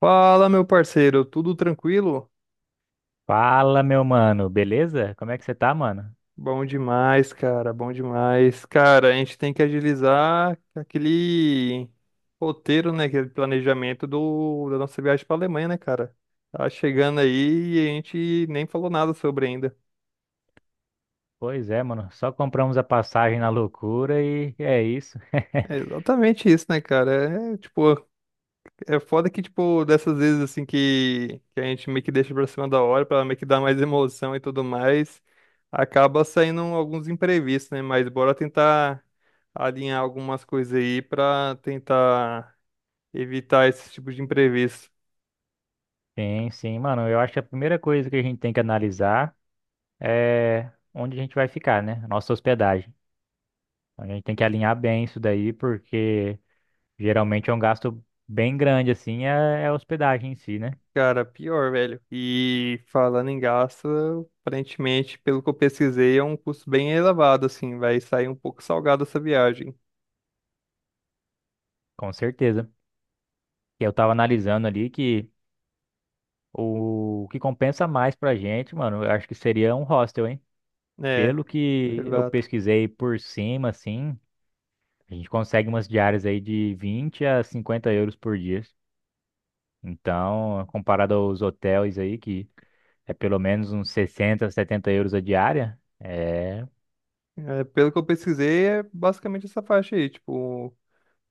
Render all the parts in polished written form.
Fala, meu parceiro, tudo tranquilo? Fala, meu mano, beleza? Como é que você tá, mano? Bom demais. Cara, a gente tem que agilizar aquele roteiro, né, aquele planejamento da nossa viagem para Alemanha, né, cara? Tá chegando aí e a gente nem falou nada sobre ainda. Pois é, mano, só compramos a passagem na loucura e é isso. É exatamente isso, né, cara? É tipo, é foda que, tipo, dessas vezes, assim, que a gente meio que deixa pra cima da hora, pra meio que dar mais emoção e tudo mais, acaba saindo alguns imprevistos, né? Mas bora tentar alinhar algumas coisas aí pra tentar evitar esse tipo de imprevisto. Sim, sim, mano, eu acho que a primeira coisa que a gente tem que analisar é onde a gente vai ficar, né? Nossa hospedagem. A gente tem que alinhar bem isso daí, porque geralmente é um gasto bem grande, assim, é a hospedagem em si, né? Cara, pior, velho. E falando em gasto, aparentemente, pelo que eu pesquisei, é um custo bem elevado, assim, vai sair um pouco salgado essa viagem. Com certeza. E eu tava analisando ali que o o que compensa mais pra gente, mano, eu acho que seria um hostel, hein? É, Pelo que eu exato. pesquisei por cima, assim, a gente consegue umas diárias aí de 20 a 50 euros por dia. Então, comparado aos hotéis aí, que é pelo menos uns 60, 70 euros a diária, é... É, pelo que eu pesquisei, é basicamente essa faixa aí, tipo.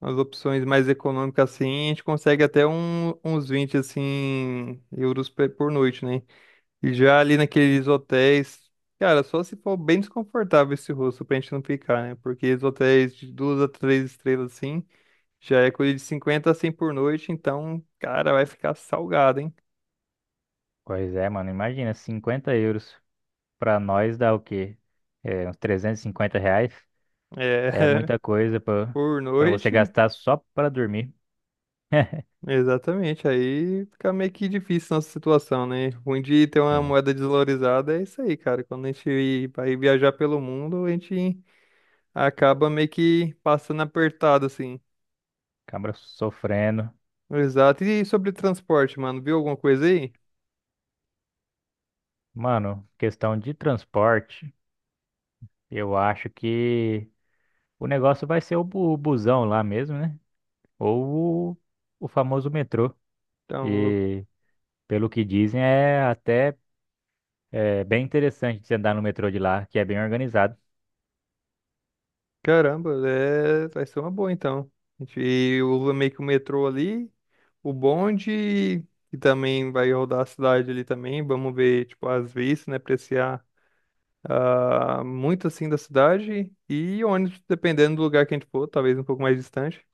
As opções mais econômicas assim, a gente consegue até uns 20 assim euros por noite, né? E já ali naqueles hotéis, cara, só se for bem desconfortável esse rosto pra gente não ficar, né? Porque os hotéis de duas a três estrelas assim, já é coisa de 50 a 100 por noite, então, cara, vai ficar salgado, hein? Pois é, mano, imagina, 50 euros pra nós dá o quê? É, uns 350 reais. É É, muita coisa pra, por pra você noite. gastar só pra dormir. Exatamente, aí fica meio que difícil nossa situação, né? Ruim de ter uma Sim, moeda desvalorizada é isso aí, cara. Quando a gente vai viajar pelo mundo, a gente acaba meio que passando apertado, assim. cabra sofrendo. Exato. E sobre transporte, mano, viu alguma coisa aí? Mano, questão de transporte, eu acho que o negócio vai ser o busão lá mesmo, né? Ou o famoso metrô. Então, E pelo que dizem, é até bem interessante você andar no metrô de lá, que é bem organizado. caramba, é, vai ser uma boa, então. A gente usa meio que o metrô ali, o bonde, que também vai rodar a cidade ali também. Vamos ver, tipo, as vistas, né? Apreciar. Ah, muito assim da cidade e ônibus, dependendo do lugar que a gente for, talvez um pouco mais distante.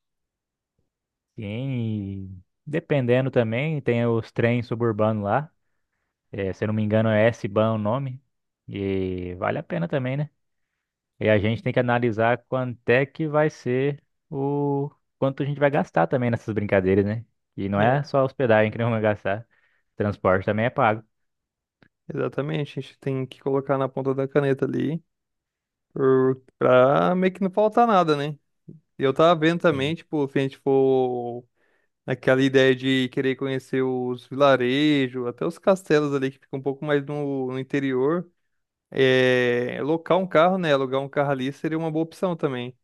Sim, e dependendo também, tem os trens suburbanos lá. É, se eu não me engano, é S-Bahn o nome. E vale a pena também, né? E a gente tem que analisar quanto é que vai ser o quanto a gente vai gastar também nessas brincadeiras, né? E não é É, só hospedagem que não vai gastar, transporte também é pago. exatamente. A gente tem que colocar na ponta da caneta ali pra meio que não faltar nada, né? E eu tava vendo também, Sim. tipo, se a gente for Aquela ideia de querer conhecer os vilarejos, até os castelos ali que ficam um pouco mais no interior. É, locar um carro, né? Alugar um carro ali seria uma boa opção também.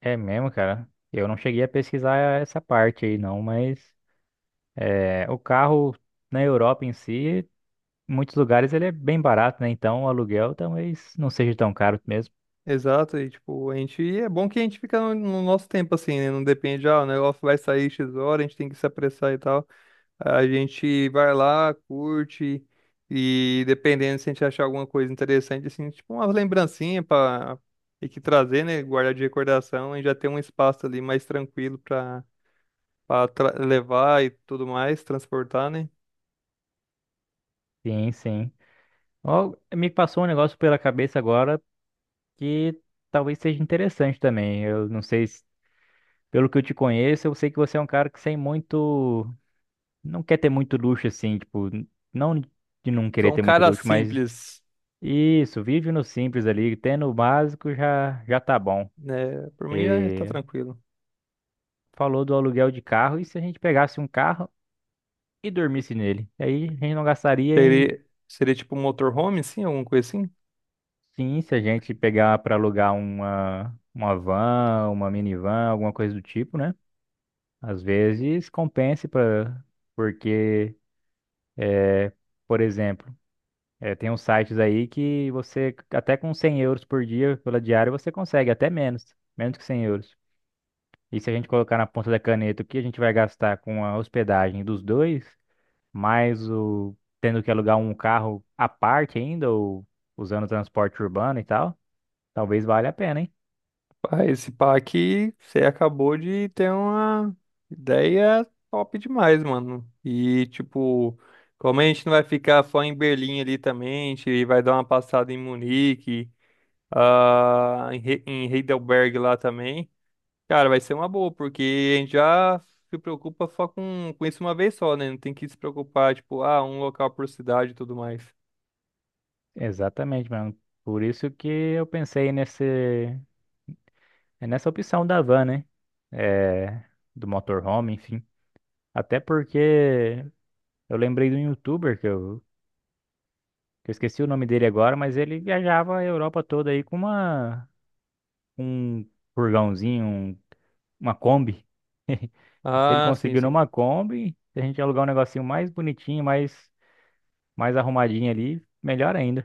É mesmo, cara. Eu não cheguei a pesquisar essa parte aí, não, mas é, o carro na Europa em si, em muitos lugares ele é bem barato, né? Então o aluguel talvez não seja tão caro mesmo. Exato, e tipo, a gente é bom que a gente fica no nosso tempo assim, né? Não depende, ah, o negócio vai sair X hora, a gente tem que se apressar e tal. A gente vai lá, curte e dependendo se a gente achar alguma coisa interessante assim, tipo uma lembrancinha para e que trazer, né, guardar de recordação e já ter um espaço ali mais tranquilo para pra levar e tudo mais, transportar, né? Sim, sim. Ó, me passou um negócio pela cabeça agora que talvez seja interessante também. Eu não sei se, pelo que eu te conheço, eu sei que você é um cara que sem muito, não quer ter muito luxo assim, tipo, não de não querer Sou um ter muito cara luxo, mas simples, isso, vive no simples ali, tendo o básico já, já tá bom. né? Por mim já tá E tranquilo. falou do aluguel de carro, e se a gente pegasse um carro e dormisse nele? Aí a gente não gastaria em Seria tipo um motorhome, sim, alguma coisa assim? sim, se a gente pegar para alugar uma van, uma minivan, alguma coisa do tipo, né? Às vezes compense para porque, por exemplo, é, tem uns sites aí que você, até com 100 euros por dia pela diária, você consegue até menos, menos que 100 euros. E se a gente colocar na ponta da caneta o que a gente vai gastar com a hospedagem dos dois, mais o tendo que alugar um carro à parte ainda, ou usando transporte urbano e tal, talvez valha a pena, hein? Ah, esse pá aqui, você acabou de ter uma ideia top demais, mano. E, tipo, como a gente não vai ficar só em Berlim ali também, a gente vai dar uma passada em Munique, em Heidelberg lá também. Cara, vai ser uma boa, porque a gente já se preocupa só com isso uma vez só, né? Não tem que se preocupar, tipo, ah, um local por cidade e tudo mais. Exatamente, mano. Por isso que eu pensei nessa opção da van, né? É, do motorhome, enfim. Até porque eu lembrei de um youtuber que eu esqueci o nome dele agora, mas ele viajava a Europa toda aí com uma um furgãozinho, uma Kombi. E se ele Ah, sim, conseguir sim. numa Kombi, se a gente alugar um negocinho mais bonitinho, mais arrumadinho ali, melhor ainda.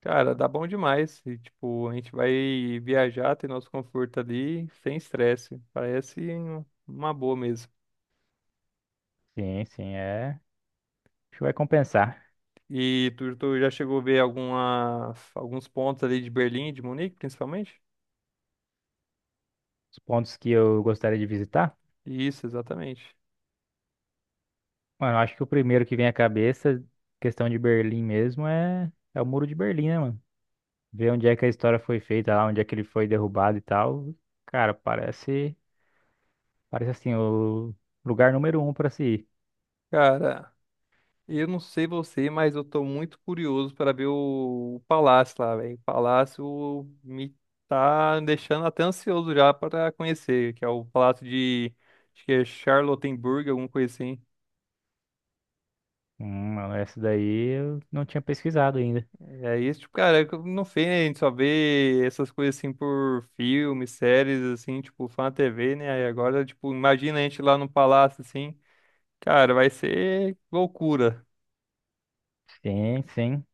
Cara, dá bom demais. E, tipo, a gente vai viajar, ter nosso conforto ali, sem estresse. Parece uma boa mesmo. Sim, sim, é. Acho que vai compensar. E tu já chegou a ver alguns pontos ali de Berlim, de Munique, principalmente? Os pontos que eu gostaria de visitar. Isso, exatamente. Mano, eu acho que o primeiro que vem à cabeça, questão de Berlim mesmo, é o Muro de Berlim, né, mano? Ver onde é que a história foi feita lá, onde é que ele foi derrubado e tal. Cara, parece, parece assim, o lugar número um pra se ir. Cara, eu não sei você, mas eu tô muito curioso para ver o palácio lá, velho. O palácio me tá deixando até ansioso já para conhecer, que é o palácio de, acho que é Charlottenburg, alguma coisa assim. Mano, essa daí eu não tinha pesquisado ainda. E aí, tipo, cara, eu não sei, né? A gente só vê essas coisas assim por filmes, séries, assim, tipo, fã TV, né? Aí agora, tipo, imagina a gente lá no palácio, assim, cara, vai ser loucura. Sim, sim.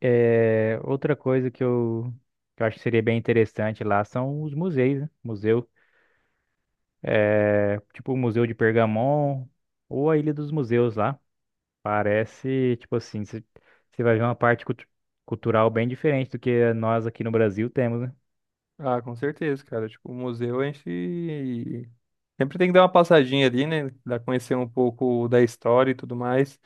É, outra coisa que eu acho que seria bem interessante lá são os museus, né? Museu, é, tipo o Museu de Pergamon ou a Ilha dos Museus lá. Parece, tipo assim, você vai ver uma parte cultural bem diferente do que nós aqui no Brasil temos, né? Ah, com certeza, cara. Tipo, o museu a gente sempre tem que dar uma passadinha ali, né? Dar conhecer um pouco da história e tudo mais.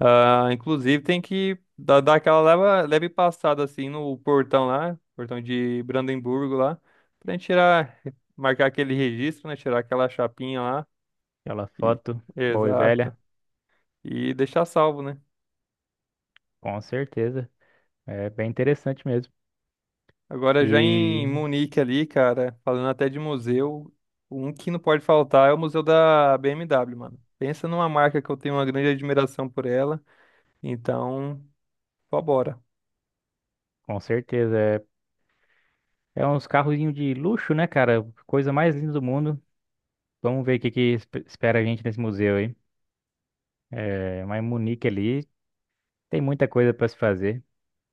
Ah, inclusive tem que dar aquela leve passada assim no portão lá, portão de Brandemburgo lá, pra gente tirar, marcar aquele registro, né? Tirar aquela chapinha lá. Aquela E, foto boa e velha, exato. E deixar salvo, né? com certeza. É bem interessante mesmo. Agora já em E Munique ali, cara, falando até de museu, um que não pode faltar é o museu da BMW, mano. Pensa numa marca que eu tenho uma grande admiração por ela. Então, só bora. com certeza. É uns carrozinhos de luxo, né, cara? Coisa mais linda do mundo. Vamos ver o que que espera a gente nesse museu aí. É, mas Munique ali tem muita coisa para se fazer.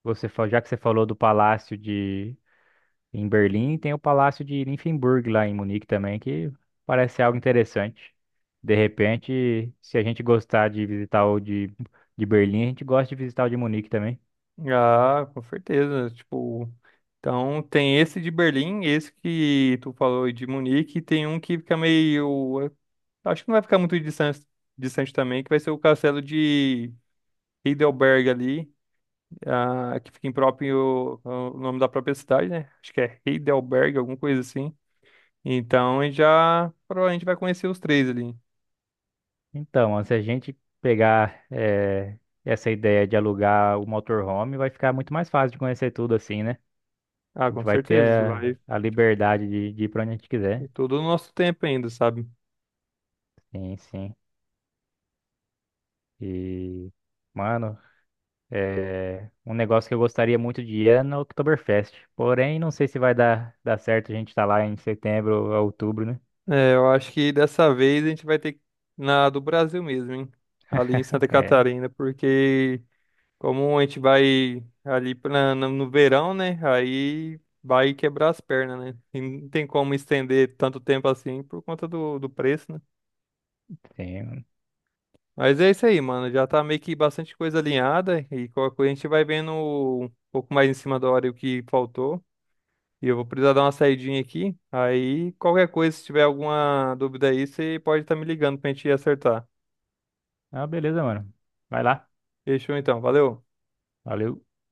Você, já que você falou do palácio de em Berlim, tem o palácio de Nymphenburg lá em Munique também, que parece algo interessante. De repente, se a gente gostar de visitar o de Berlim, a gente gosta de visitar o de Munique também. Ah, com certeza. Tipo, então tem esse de Berlim, esse que tu falou de Munique, e tem um que fica meio, é, acho que não vai ficar muito distante, também, que vai ser o castelo de Heidelberg ali, ah, que fica em próprio, ah, o nome da própria cidade, né? Acho que é Heidelberg, alguma coisa assim. Então a gente já provavelmente vai conhecer os três ali. Então, ó, se a gente pegar essa ideia de alugar o motorhome, vai ficar muito mais fácil de conhecer tudo assim, né? Ah, A gente com vai ter certeza, vai. a liberdade de ir pra onde a gente E quiser. todo o nosso tempo ainda, sabe? Sim, sim. E, mano, um negócio que eu gostaria muito de ir é no Oktoberfest. Porém, não sei se vai dar certo a gente estar lá em setembro ou outubro, né? É, eu acho que dessa vez a gente vai ter na do Brasil mesmo, hein? Ali em Santa É, Catarina, porque como a gente vai ali pra, no, no verão, né? Aí vai quebrar as pernas, né? E não tem como estender tanto tempo assim por conta do preço, né? sim. Mas é isso aí, mano. Já tá meio que bastante coisa alinhada e qualquer coisa a gente vai vendo um pouco mais em cima da hora o que faltou. E eu vou precisar dar uma saidinha aqui. Aí, qualquer coisa, se tiver alguma dúvida aí, você pode estar me ligando pra gente acertar. Ah, beleza, mano. Vai lá. Fechou então, valeu. Valeu.